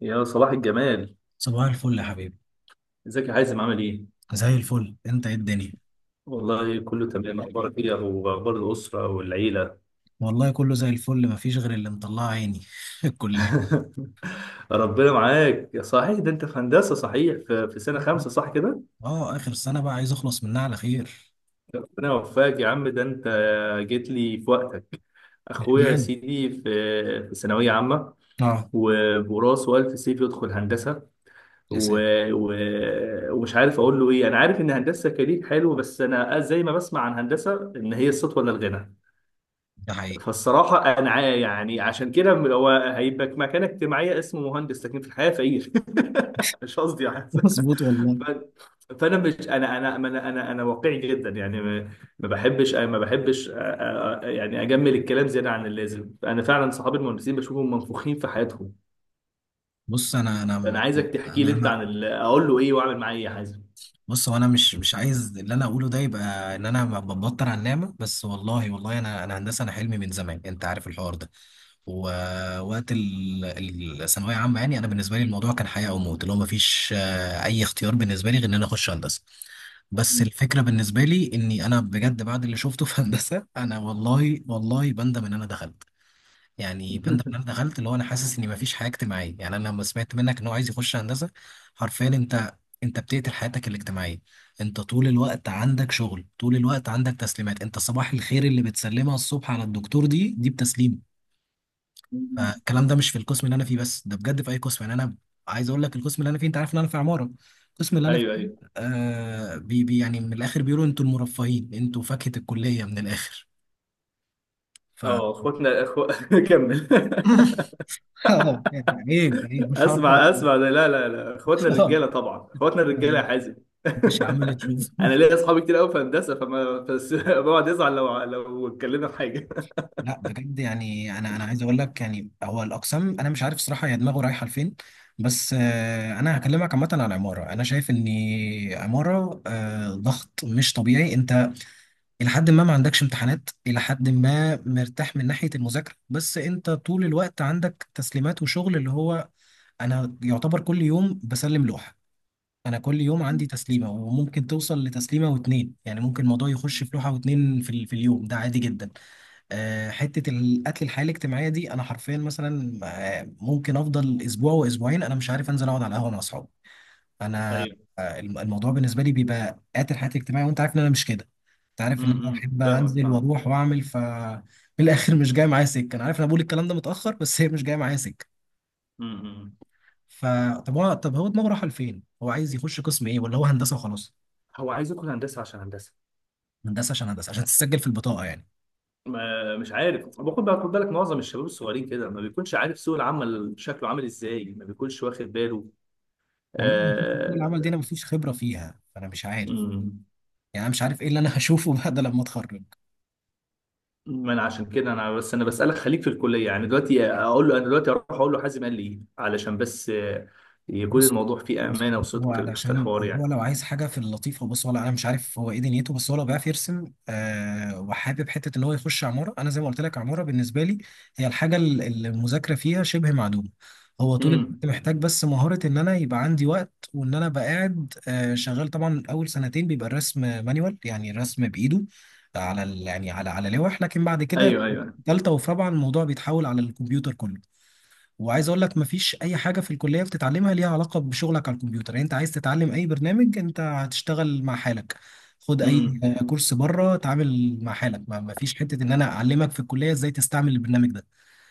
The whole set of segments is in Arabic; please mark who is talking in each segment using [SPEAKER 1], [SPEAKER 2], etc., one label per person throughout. [SPEAKER 1] يا صباح الجمال.
[SPEAKER 2] صباح الفل يا حبيبي.
[SPEAKER 1] ازيك يا حازم؟ عامل ايه؟
[SPEAKER 2] زي الفل، انت ايه الدنيا؟
[SPEAKER 1] والله كله تمام. اخبارك ايه واخبار الاسره والعيله؟
[SPEAKER 2] والله كله زي الفل، مفيش غير اللي مطلع عيني الكلية.
[SPEAKER 1] ربنا معاك. يا صحيح ده انت في هندسه صحيح، في سنه
[SPEAKER 2] طيب.
[SPEAKER 1] خمسه صح كده؟
[SPEAKER 2] اه، اخر سنة بقى، عايز اخلص منها على خير.
[SPEAKER 1] ربنا يوفقك يا عم. ده انت جيت لي في وقتك. اخويا يا
[SPEAKER 2] اشمعنى؟
[SPEAKER 1] سيدي في ثانويه عامه،
[SPEAKER 2] اه.
[SPEAKER 1] وبراسه الف سيف يدخل هندسه.
[SPEAKER 2] يا
[SPEAKER 1] و...
[SPEAKER 2] ساتر.
[SPEAKER 1] و... ومش عارف اقول له ايه. انا عارف ان هندسه كارير حلو، بس انا زي ما بسمع عن هندسه ان هي السطوه ولا الغنى.
[SPEAKER 2] ده حقيقي.
[SPEAKER 1] فالصراحة، أنا يعني عشان كده هو هيبقى مكانة اجتماعية اسمه مهندس، لكن في الحقيقة فقير. مش قصدي يعني.
[SPEAKER 2] مظبوط والله.
[SPEAKER 1] فأنا مش أنا واقعي جدا. يعني ما بحبش يعني أجمل الكلام زيادة عن اللازم. أنا فعلا صحابي المهندسين بشوفهم منفوخين في حياتهم.
[SPEAKER 2] بص، انا
[SPEAKER 1] أنا عايزك تحكي لي أنت
[SPEAKER 2] انا،
[SPEAKER 1] عن أقول له إيه وأعمل معاه إيه يا حازم؟
[SPEAKER 2] بص، هو انا مش عايز اللي انا اقوله ده يبقى ان انا ببطر على النعمه. بس والله والله انا هندسه، انا حلمي من زمان، انت عارف الحوار ده. ووقت الثانويه عامه، يعني انا بالنسبه لي الموضوع كان حياه او موت، اللي هو ما فيش اي اختيار بالنسبه لي غير ان انا اخش هندسه. بس الفكره بالنسبه لي اني انا بجد، بعد اللي شفته في هندسه، انا والله والله بندم ان انا دخلت. يعني بند بند دخلت، اللي هو انا حاسس اني مفيش حياه اجتماعيه. يعني انا لما سمعت منك ان هو عايز يخش هندسه، حرفيا، انت بتقتل حياتك الاجتماعيه. انت طول الوقت عندك شغل، طول الوقت عندك تسليمات، انت صباح الخير اللي بتسلمها الصبح على الدكتور، دي بتسليم. فالكلام ده مش في القسم اللي انا فيه بس، ده بجد في اي قسم. يعني انا عايز اقول لك القسم اللي انا فيه، انت عارف ان انا في عماره. القسم اللي انا فيه،
[SPEAKER 1] أيوه، أيوه.
[SPEAKER 2] بي بي، يعني من الاخر بيقولوا انتوا المرفهين، انتوا فاكهه الكليه من الاخر. ف
[SPEAKER 1] أه، إخواتنا. كمل.
[SPEAKER 2] اه، يعني عيب عيب، مش هعرف
[SPEAKER 1] اسمع،
[SPEAKER 2] أقول.
[SPEAKER 1] اسمع. ده لا، لا، لا، اخواتنا
[SPEAKER 2] اه،
[SPEAKER 1] الرجاله طبعا، اخواتنا الرجاله يا حازم.
[SPEAKER 2] مش عمال تشوف
[SPEAKER 1] انا ليا اصحابي كتير قوي في هندسه، فما بس بقعد يزعل لو اتكلمنا في حاجه.
[SPEAKER 2] لا بجد، يعني انا عايز اقول لك، يعني هو الاقسام انا مش عارف صراحه هي دماغه رايحه لفين. بس انا هكلمك عامه عن عماره، انا شايف ان عماره ضغط مش طبيعي. انت الى حد ما ما عندكش امتحانات، الى حد ما مرتاح من ناحيه المذاكره، بس انت طول الوقت عندك تسليمات وشغل اللي هو انا يعتبر كل يوم بسلم لوحه. انا كل يوم عندي تسليمه وممكن توصل لتسليمه واتنين، يعني ممكن الموضوع يخش في لوحه واتنين في اليوم ده عادي جدا. أه، حته القتل الحياه الاجتماعيه دي، انا حرفيا مثلا ممكن افضل اسبوع واسبوعين انا مش عارف انزل اقعد على القهوه مع اصحابي. انا
[SPEAKER 1] ايوه.
[SPEAKER 2] الموضوع بالنسبه لي بيبقى قاتل حياتي الاجتماعيه، وانت عارف ان انا مش كده. انت عارف ان انا احب
[SPEAKER 1] فاهمك،
[SPEAKER 2] انزل
[SPEAKER 1] فاهم.
[SPEAKER 2] واروح واعمل. ف في الاخر مش جاي معايا سكه. انا عارف ان انا بقول الكلام ده متاخر، بس هي مش جايه معايا سكه.
[SPEAKER 1] امم.
[SPEAKER 2] فطب هو، طب هو دماغه رايحه لفين، هو عايز يخش قسم ايه، ولا هو هندسه وخلاص؟
[SPEAKER 1] هو عايز يدخل هندسه عشان هندسه.
[SPEAKER 2] هندسه عشان هندسه، عشان تسجل في البطاقه يعني.
[SPEAKER 1] ما مش عارف. باخد بقى خد بالك، معظم الشباب الصغيرين كده ما بيكونش عارف سوق العمل شكله عامل ازاي، ما بيكونش واخد باله.
[SPEAKER 2] والله من حتة سوق العمل دي،
[SPEAKER 1] آه...
[SPEAKER 2] انا مفيش خبره فيها، فانا مش عارف.
[SPEAKER 1] مم.
[SPEAKER 2] يعني انا مش عارف ايه اللي انا هشوفه بعد لما اتخرج.
[SPEAKER 1] ما انا عشان كده انا بس انا بسالك خليك في الكليه. يعني دلوقتي اقول له، انا دلوقتي اروح اقول له حازم قال لي ايه، علشان بس يكون
[SPEAKER 2] بص
[SPEAKER 1] الموضوع فيه
[SPEAKER 2] بص
[SPEAKER 1] امانه
[SPEAKER 2] هو
[SPEAKER 1] وصدق في
[SPEAKER 2] علشان
[SPEAKER 1] الحوار
[SPEAKER 2] هو
[SPEAKER 1] يعني.
[SPEAKER 2] لو عايز حاجه في اللطيفه، بص هو انا مش عارف هو ايه دنيته، بس هو لو بيعرف يرسم وحابب حته ان هو يخش عماره، انا زي ما قلت لك عماره بالنسبه لي هي الحاجه اللي المذاكره فيها شبه معدومه. هو طول الوقت
[SPEAKER 1] امم.
[SPEAKER 2] محتاج بس مهاره ان انا يبقى عندي وقت، وان انا ابقى قاعد شغال. طبعا اول سنتين بيبقى الرسم مانيوال، يعني الرسم بايده يعني على لوح، لكن بعد كده
[SPEAKER 1] ايوه، ايوه.
[SPEAKER 2] تالتة وفي رابعة الموضوع بيتحول على الكمبيوتر كله. وعايز اقول لك مفيش اي حاجه في الكليه بتتعلمها ليها علاقه بشغلك على الكمبيوتر. يعني انت عايز تتعلم اي برنامج، انت هتشتغل مع حالك، خد اي
[SPEAKER 1] امم.
[SPEAKER 2] كورس بره، اتعامل مع حالك، ما مفيش حته ان انا اعلمك في الكليه ازاي تستعمل البرنامج ده.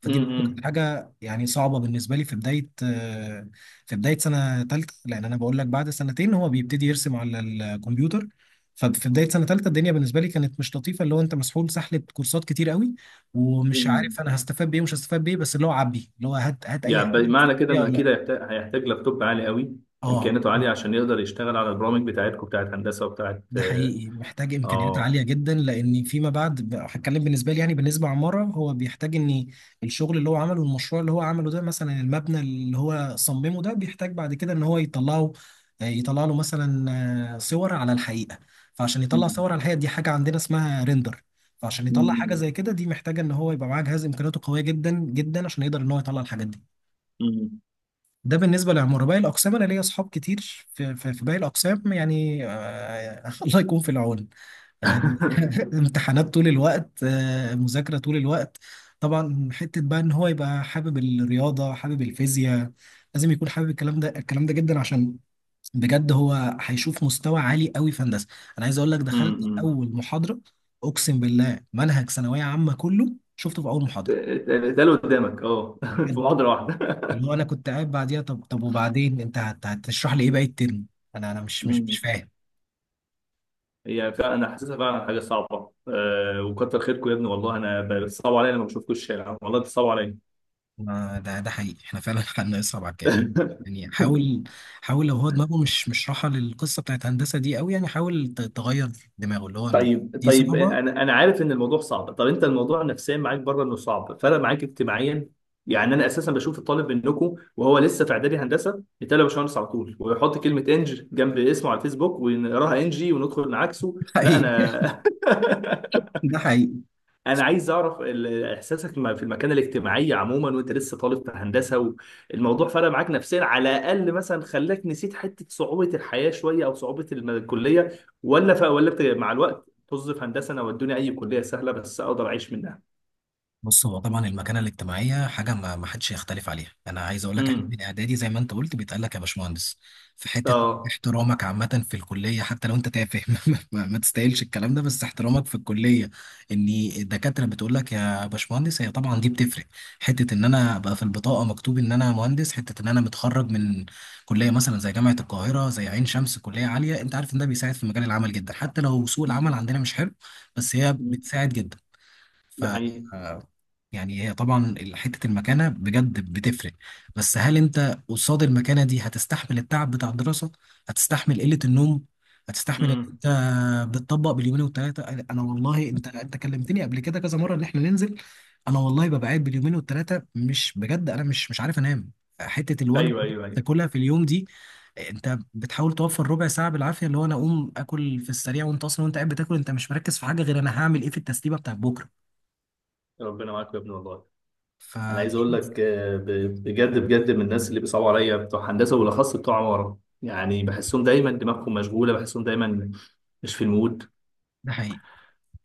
[SPEAKER 2] فدي برضه كانت
[SPEAKER 1] امم.
[SPEAKER 2] حاجه يعني صعبه بالنسبه لي، في بدايه سنه ثالثه، لان انا بقول لك بعد سنتين هو بيبتدي يرسم على الكمبيوتر. ففي بدايه سنه ثالثه الدنيا بالنسبه لي كانت مش لطيفه، اللي هو انت مسحول سحله كورسات كتير قوي، ومش
[SPEAKER 1] امم.
[SPEAKER 2] عارف انا هستفاد بايه ومش هستفاد بايه، بس اللي هو عبي، اللي هو هات هات اي حاجه
[SPEAKER 1] يعني بمعنى
[SPEAKER 2] تستفاد
[SPEAKER 1] كده
[SPEAKER 2] بيها
[SPEAKER 1] انه
[SPEAKER 2] ولا
[SPEAKER 1] اكيد
[SPEAKER 2] لا.
[SPEAKER 1] هيحتاج لابتوب عالي قوي،
[SPEAKER 2] اه،
[SPEAKER 1] امكانياته عاليه، عشان يقدر يشتغل على البرامج بتاعتكم، بتاعت هندسه وبتاعت
[SPEAKER 2] ده
[SPEAKER 1] اه
[SPEAKER 2] حقيقي، محتاج امكانيات
[SPEAKER 1] آه.
[SPEAKER 2] عاليه جدا، لان فيما بعد هتكلم بالنسبه لي، يعني بالنسبه عماره، هو بيحتاج ان الشغل اللي هو عمله، المشروع اللي هو عمله ده، مثلا المبنى اللي هو صممه ده، بيحتاج بعد كده ان هو يطلعه، يطلع له مثلا صور على الحقيقه. فعشان يطلع صور على الحقيقه، دي حاجه عندنا اسمها ريندر. فعشان يطلع حاجه
[SPEAKER 1] أمم.
[SPEAKER 2] زي كده، دي محتاجه ان هو يبقى معاه جهاز امكانياته قويه جدا جدا، عشان يقدر ان هو يطلع الحاجات دي.
[SPEAKER 1] أمم.
[SPEAKER 2] ده بالنسبه للعماره. باقي الاقسام، انا ليا اصحاب كتير في باقي الاقسام، يعني الله يكون في العون. آه،
[SPEAKER 1] أمم.
[SPEAKER 2] امتحانات طول الوقت، مذاكرة طول الوقت. طبعا حتة بقى ان هو يبقى حابب الرياضة حابب الفيزياء، لازم يكون حابب الكلام ده، الكلام ده جدا، عشان بجد هو هيشوف مستوى عالي قوي في هندسة. انا عايز اقول لك، دخلت
[SPEAKER 1] امم.
[SPEAKER 2] اول محاضرة، اقسم بالله منهج ثانوية عامة كله شفته في اول محاضرة.
[SPEAKER 1] اتقال قدامك اه في
[SPEAKER 2] بجد،
[SPEAKER 1] محاضره
[SPEAKER 2] اللي هو انا كنت قاعد بعديها، طب وبعدين انت هتشرح لي ايه باقي الترم؟ انا مش
[SPEAKER 1] واحده؟
[SPEAKER 2] فاهم.
[SPEAKER 1] هي فعلا انا حاسسها فعلا حاجه صعبه. وكتر خيركم يا ابني والله. انا بتصعبوا عليا لما بشوفكم الشارع، والله بتصعبوا عليا.
[SPEAKER 2] ما ده حقيقي، احنا فعلا حالنا يصعب على الكافر. يعني حاول حاول، لو هو دماغه مش راحه للقصه بتاعت هندسه دي قوي، يعني حاول تغير دماغه، اللي هو إن
[SPEAKER 1] طيب،
[SPEAKER 2] دي
[SPEAKER 1] طيب،
[SPEAKER 2] صعبه.
[SPEAKER 1] انا عارف ان الموضوع صعب. طب انت الموضوع نفسيا معاك بره، انه صعب فرق معاك اجتماعيا؟ يعني انا اساسا بشوف الطالب منكم وهو لسه في اعدادي هندسه، يتقال يا باشمهندس على طول، ويحط كلمه انج جنب اسمه على الفيسبوك ونقراها انجي وندخل نعكسه. لا
[SPEAKER 2] حقيقي.
[SPEAKER 1] انا
[SPEAKER 2] ده حقيقي.
[SPEAKER 1] انا عايز اعرف احساسك في المكانه الاجتماعيه عموما وانت لسه طالب في هندسه، والموضوع فرق معاك نفسيا على الاقل؟ مثلا خلاك نسيت حته صعوبه الحياه شويه، او صعوبه الكليه؟ ولا ف... ولا بت... مع الوقت طز في هندسه، انا ودوني اي كليه سهله بس اقدر اعيش منها.
[SPEAKER 2] بص، هو طبعا المكانه الاجتماعيه حاجه ما ما حدش يختلف عليها، انا عايز اقول لك احنا
[SPEAKER 1] امم.
[SPEAKER 2] من اعدادي زي ما انت قلت بيتقال لك يا باشمهندس، في حته،
[SPEAKER 1] اه.
[SPEAKER 2] احترامك عامه في الكليه حتى لو انت تافه ما تستاهلش الكلام ده، بس احترامك في الكليه ان الدكاتره بتقول لك يا باشمهندس، هي طبعا دي بتفرق. حته ان انا ابقى في البطاقه مكتوب ان انا مهندس، حته ان انا متخرج من كليه مثلا زي جامعه القاهره زي عين شمس، كليه عاليه، انت عارف ان ده بيساعد في مجال العمل جدا، حتى لو سوق العمل عندنا مش حلو، بس هي
[SPEAKER 1] مم.
[SPEAKER 2] بتساعد جدا. ف
[SPEAKER 1] ده حقيقي.
[SPEAKER 2] آه، يعني هي طبعا حتة المكانة بجد بتفرق. بس هل انت قصاد المكانة دي هتستحمل التعب بتاع الدراسة؟ هتستحمل قلة النوم؟ هتستحمل ان
[SPEAKER 1] امم.
[SPEAKER 2] انت بتطبق باليومين والتلاتة؟ انا والله انت كلمتني قبل كده كذا مرة ان احنا ننزل. انا والله ببقى قاعد باليومين والتلاتة مش بجد، انا مش عارف انام. حتة الوجبة
[SPEAKER 1] ايوه،
[SPEAKER 2] اللي
[SPEAKER 1] ايوه، ايوه.
[SPEAKER 2] تاكلها في اليوم دي، انت بتحاول توفر ربع ساعة بالعافية، اللي هو انا اقوم اكل في السريع، وانت اصلا وانت قاعد بتاكل، انت مش مركز في حاجة غير انا هعمل ايه في التسليمة بتاعت بكرة.
[SPEAKER 1] ربنا معاك يا ابني والله.
[SPEAKER 2] ف
[SPEAKER 1] انا عايز اقول لك، بجد بجد من الناس اللي بيصعبوا عليا بتوع هندسه، وبالاخص بتوع عماره. يعني بحسهم دايما دماغهم مشغوله، بحسهم دايما مش في المود.
[SPEAKER 2] ده حقيقي،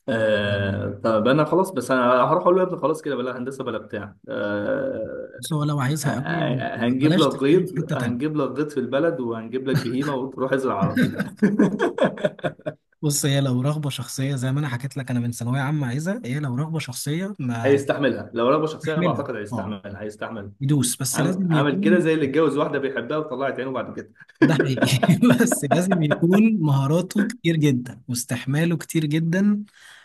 [SPEAKER 1] آه طب انا خلاص. بس انا هروح اقول له يا ابني خلاص كده، بلا هندسه بلا بتاع آه
[SPEAKER 2] بس هو لو
[SPEAKER 1] آه،
[SPEAKER 2] عايزها قوي،
[SPEAKER 1] آه، هنجيب
[SPEAKER 2] بلاش
[SPEAKER 1] لك غيط،
[SPEAKER 2] تفتحله في حتة تانية.
[SPEAKER 1] هنجيب لك غيط في البلد، وهنجيب لك بهيمه وروح ازرع على طول.
[SPEAKER 2] بص، هي لو رغبة شخصية زي ما أنا حكيت لك، أنا من ثانوية عامة عايزها. هي لو رغبة شخصية ما
[SPEAKER 1] هيستحملها، لو رغبه شخصيه أنا
[SPEAKER 2] أحملها،
[SPEAKER 1] بعتقد
[SPEAKER 2] أه،
[SPEAKER 1] هيستحملها، هيستحمل.
[SPEAKER 2] يدوس، بس
[SPEAKER 1] عامل
[SPEAKER 2] لازم
[SPEAKER 1] عامل كده
[SPEAKER 2] يكون
[SPEAKER 1] زي اللي اتجوز واحده بيحبها وطلعت عينه بعد كده.
[SPEAKER 2] ده حقيقي. بس لازم يكون مهاراته كتير جدا واستحماله كتير جدا،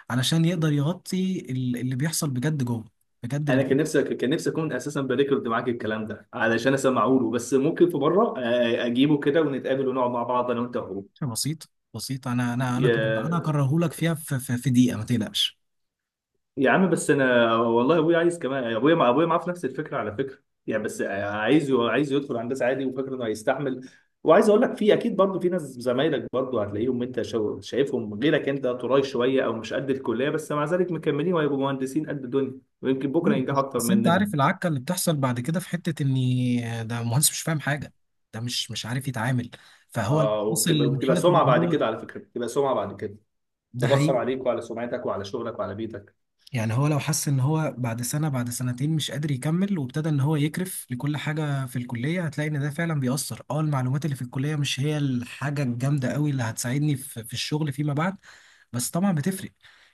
[SPEAKER 2] علشان يقدر يغطي اللي بيحصل بجد جوه. بجد
[SPEAKER 1] انا
[SPEAKER 2] اللي
[SPEAKER 1] كان نفسي اكون اساسا بريكورد معاك الكلام ده علشان اسمعه له. بس ممكن في مره اجيبه كده ونتقابل ونقعد مع بعض انا وانت وهو.
[SPEAKER 2] بيحصل، بسيط بسيط. أنا
[SPEAKER 1] يا
[SPEAKER 2] أكرههولك فيها في دقيقة، ما تقلقش.
[SPEAKER 1] يا عم، بس انا والله ابويا عايز كمان، ابويا مع ابويا معاه في نفس الفكره على فكره. يعني بس عايز يدخل هندسه عادي وفاكر انه هيستحمل. وعايز اقول لك في اكيد برضه في ناس، زمايلك برضه، هتلاقيهم انت شايفهم غيرك، انت طراي شويه او مش قد الكليه، بس مع ذلك مكملين، وهيبقوا مهندسين قد الدنيا، ويمكن بكره ينجحوا
[SPEAKER 2] بس
[SPEAKER 1] اكتر
[SPEAKER 2] بس انت
[SPEAKER 1] مننا.
[SPEAKER 2] عارف العكه اللي بتحصل بعد كده، في حته ان ده مهندس مش فاهم حاجه، ده مش عارف يتعامل. فهو لما
[SPEAKER 1] اه،
[SPEAKER 2] وصل
[SPEAKER 1] وبتبقى
[SPEAKER 2] لمرحله ان
[SPEAKER 1] سمعه بعد
[SPEAKER 2] هو
[SPEAKER 1] كده، على فكره بتبقى سمعه بعد كده.
[SPEAKER 2] ده
[SPEAKER 1] بتأثر
[SPEAKER 2] حقيقي.
[SPEAKER 1] عليك وعلى سمعتك وعلى شغلك وعلى بيتك.
[SPEAKER 2] يعني هو لو حس ان هو بعد سنه بعد سنتين مش قادر يكمل، وابتدى ان هو يكرف لكل حاجه في الكليه، هتلاقي ان ده فعلا بيأثر. اه، المعلومات اللي في الكليه مش هي الحاجه الجامده قوي اللي هتساعدني في الشغل فيما بعد. بس طبعا بتفرق،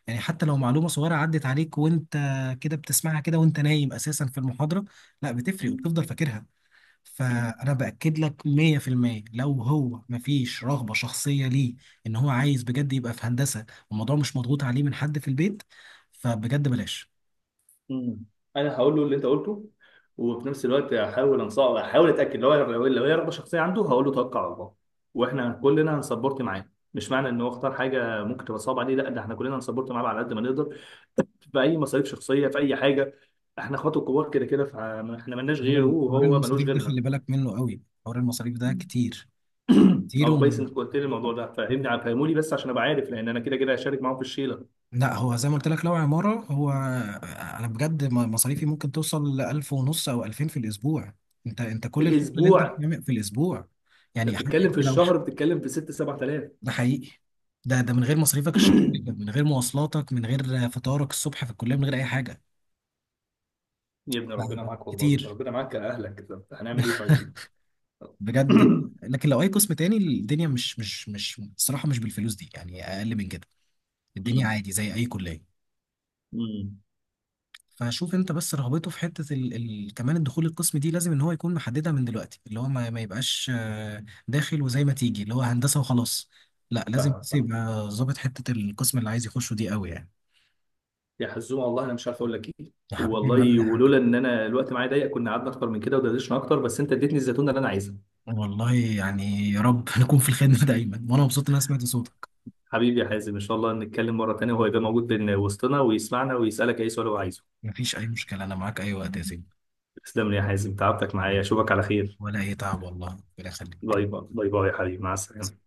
[SPEAKER 2] يعني حتى لو معلومه صغيره عدت عليك وانت كده بتسمعها كده وانت نايم اساسا في المحاضره، لا، بتفرق
[SPEAKER 1] مم.
[SPEAKER 2] وبتفضل فاكرها.
[SPEAKER 1] مم.
[SPEAKER 2] فانا باكد لك 100% لو هو مفيش رغبه شخصيه ليه ان هو عايز بجد يبقى في هندسه، والموضوع مش مضغوط عليه من حد في البيت، فبجد بلاش.
[SPEAKER 1] مم. انا هقول له اللي انت قلته، وفي نفس الوقت هحاول انصح، هحاول اتاكد، لو هي رغبه شخصيه عنده هقول له توكل على الله، واحنا كلنا هنسبورت معاه. مش معنى ان هو اختار حاجه ممكن تبقى صعبه عليه لا، ده احنا كلنا هنسبورت معاه على قد ما نقدر، في اي مصاريف شخصيه، في اي حاجه. احنا اخواته كبار كده كده، فاحنا ملناش غيره
[SPEAKER 2] حوار
[SPEAKER 1] وهو ملوش
[SPEAKER 2] المصاريف ده خلي
[SPEAKER 1] غيرنا.
[SPEAKER 2] بالك منه قوي، حوار المصاريف ده كتير. كتير
[SPEAKER 1] اه، كويس انك قلت لي الموضوع ده. فاهمني، فهمولي بس عشان ابقى عارف، لان انا كده كده هشارك معاهم في الشيله.
[SPEAKER 2] لا، هو زي ما قلت لك لو عماره هو، انا بجد مصاريفي ممكن توصل ل 1000 ونص او 2000 في الاسبوع. انت
[SPEAKER 1] في
[SPEAKER 2] كل الشغل اللي انت
[SPEAKER 1] الاسبوع
[SPEAKER 2] بتعمل في الاسبوع،
[SPEAKER 1] انت
[SPEAKER 2] يعني حتى
[SPEAKER 1] بتتكلم، في
[SPEAKER 2] لو
[SPEAKER 1] الشهر بتتكلم في 6 7000.
[SPEAKER 2] ده حقيقي، ده من غير مصاريفك الشخصية، من غير مواصلاتك، من غير فطارك الصبح في الكلية، من غير أي حاجة.
[SPEAKER 1] يا ابن، ربنا
[SPEAKER 2] ف-
[SPEAKER 1] معاك والله،
[SPEAKER 2] كتير
[SPEAKER 1] ربنا معاك يا اهلك. طب هنعمل ايه؟ طيب.
[SPEAKER 2] بجد، لكن لو أي قسم تاني الدنيا مش الصراحة، مش بالفلوس دي يعني، أقل من كده، الدنيا
[SPEAKER 1] أمم.
[SPEAKER 2] عادي زي أي كلية.
[SPEAKER 1] أمم.
[SPEAKER 2] فشوف أنت بس رغبته في حتة كمان الدخول القسم دي، لازم إن هو يكون محددها من دلوقتي، اللي هو ما, ما يبقاش داخل وزي ما تيجي اللي هو هندسة وخلاص. لا، لازم
[SPEAKER 1] فاهمك،
[SPEAKER 2] بس
[SPEAKER 1] فاهمك
[SPEAKER 2] يبقى ظابط حتة القسم اللي عايز يخشه دي قوي يعني.
[SPEAKER 1] يا حزومه. والله انا مش عارف اقول لك ايه.
[SPEAKER 2] يا حبيبي ولا
[SPEAKER 1] والله،
[SPEAKER 2] أي حاجة.
[SPEAKER 1] ولولا ان انا الوقت معايا ضيق كنا قعدنا اكتر من كده ودردشنا اكتر، بس انت اديتني الزيتونه اللي انا عايزها.
[SPEAKER 2] والله يعني، يا رب نكون في الخدمة دايما، وانا مبسوط ان انا سمعت صوتك.
[SPEAKER 1] حبيبي يا حازم، ان شاء الله نتكلم مره تانيه وهو يبقى موجود بين وسطنا ويسمعنا، ويسالك اي سؤال هو عايزه.
[SPEAKER 2] مفيش اي مشكلة، انا معاك اي وقت يا سيدي.
[SPEAKER 1] تسلم لي يا حازم، تعبتك معايا.
[SPEAKER 2] حبيبي،
[SPEAKER 1] اشوفك على خير.
[SPEAKER 2] ولا اي تعب والله. ربنا يخليك.
[SPEAKER 1] باي باي، باي باي يا حبيبي، مع السلامه.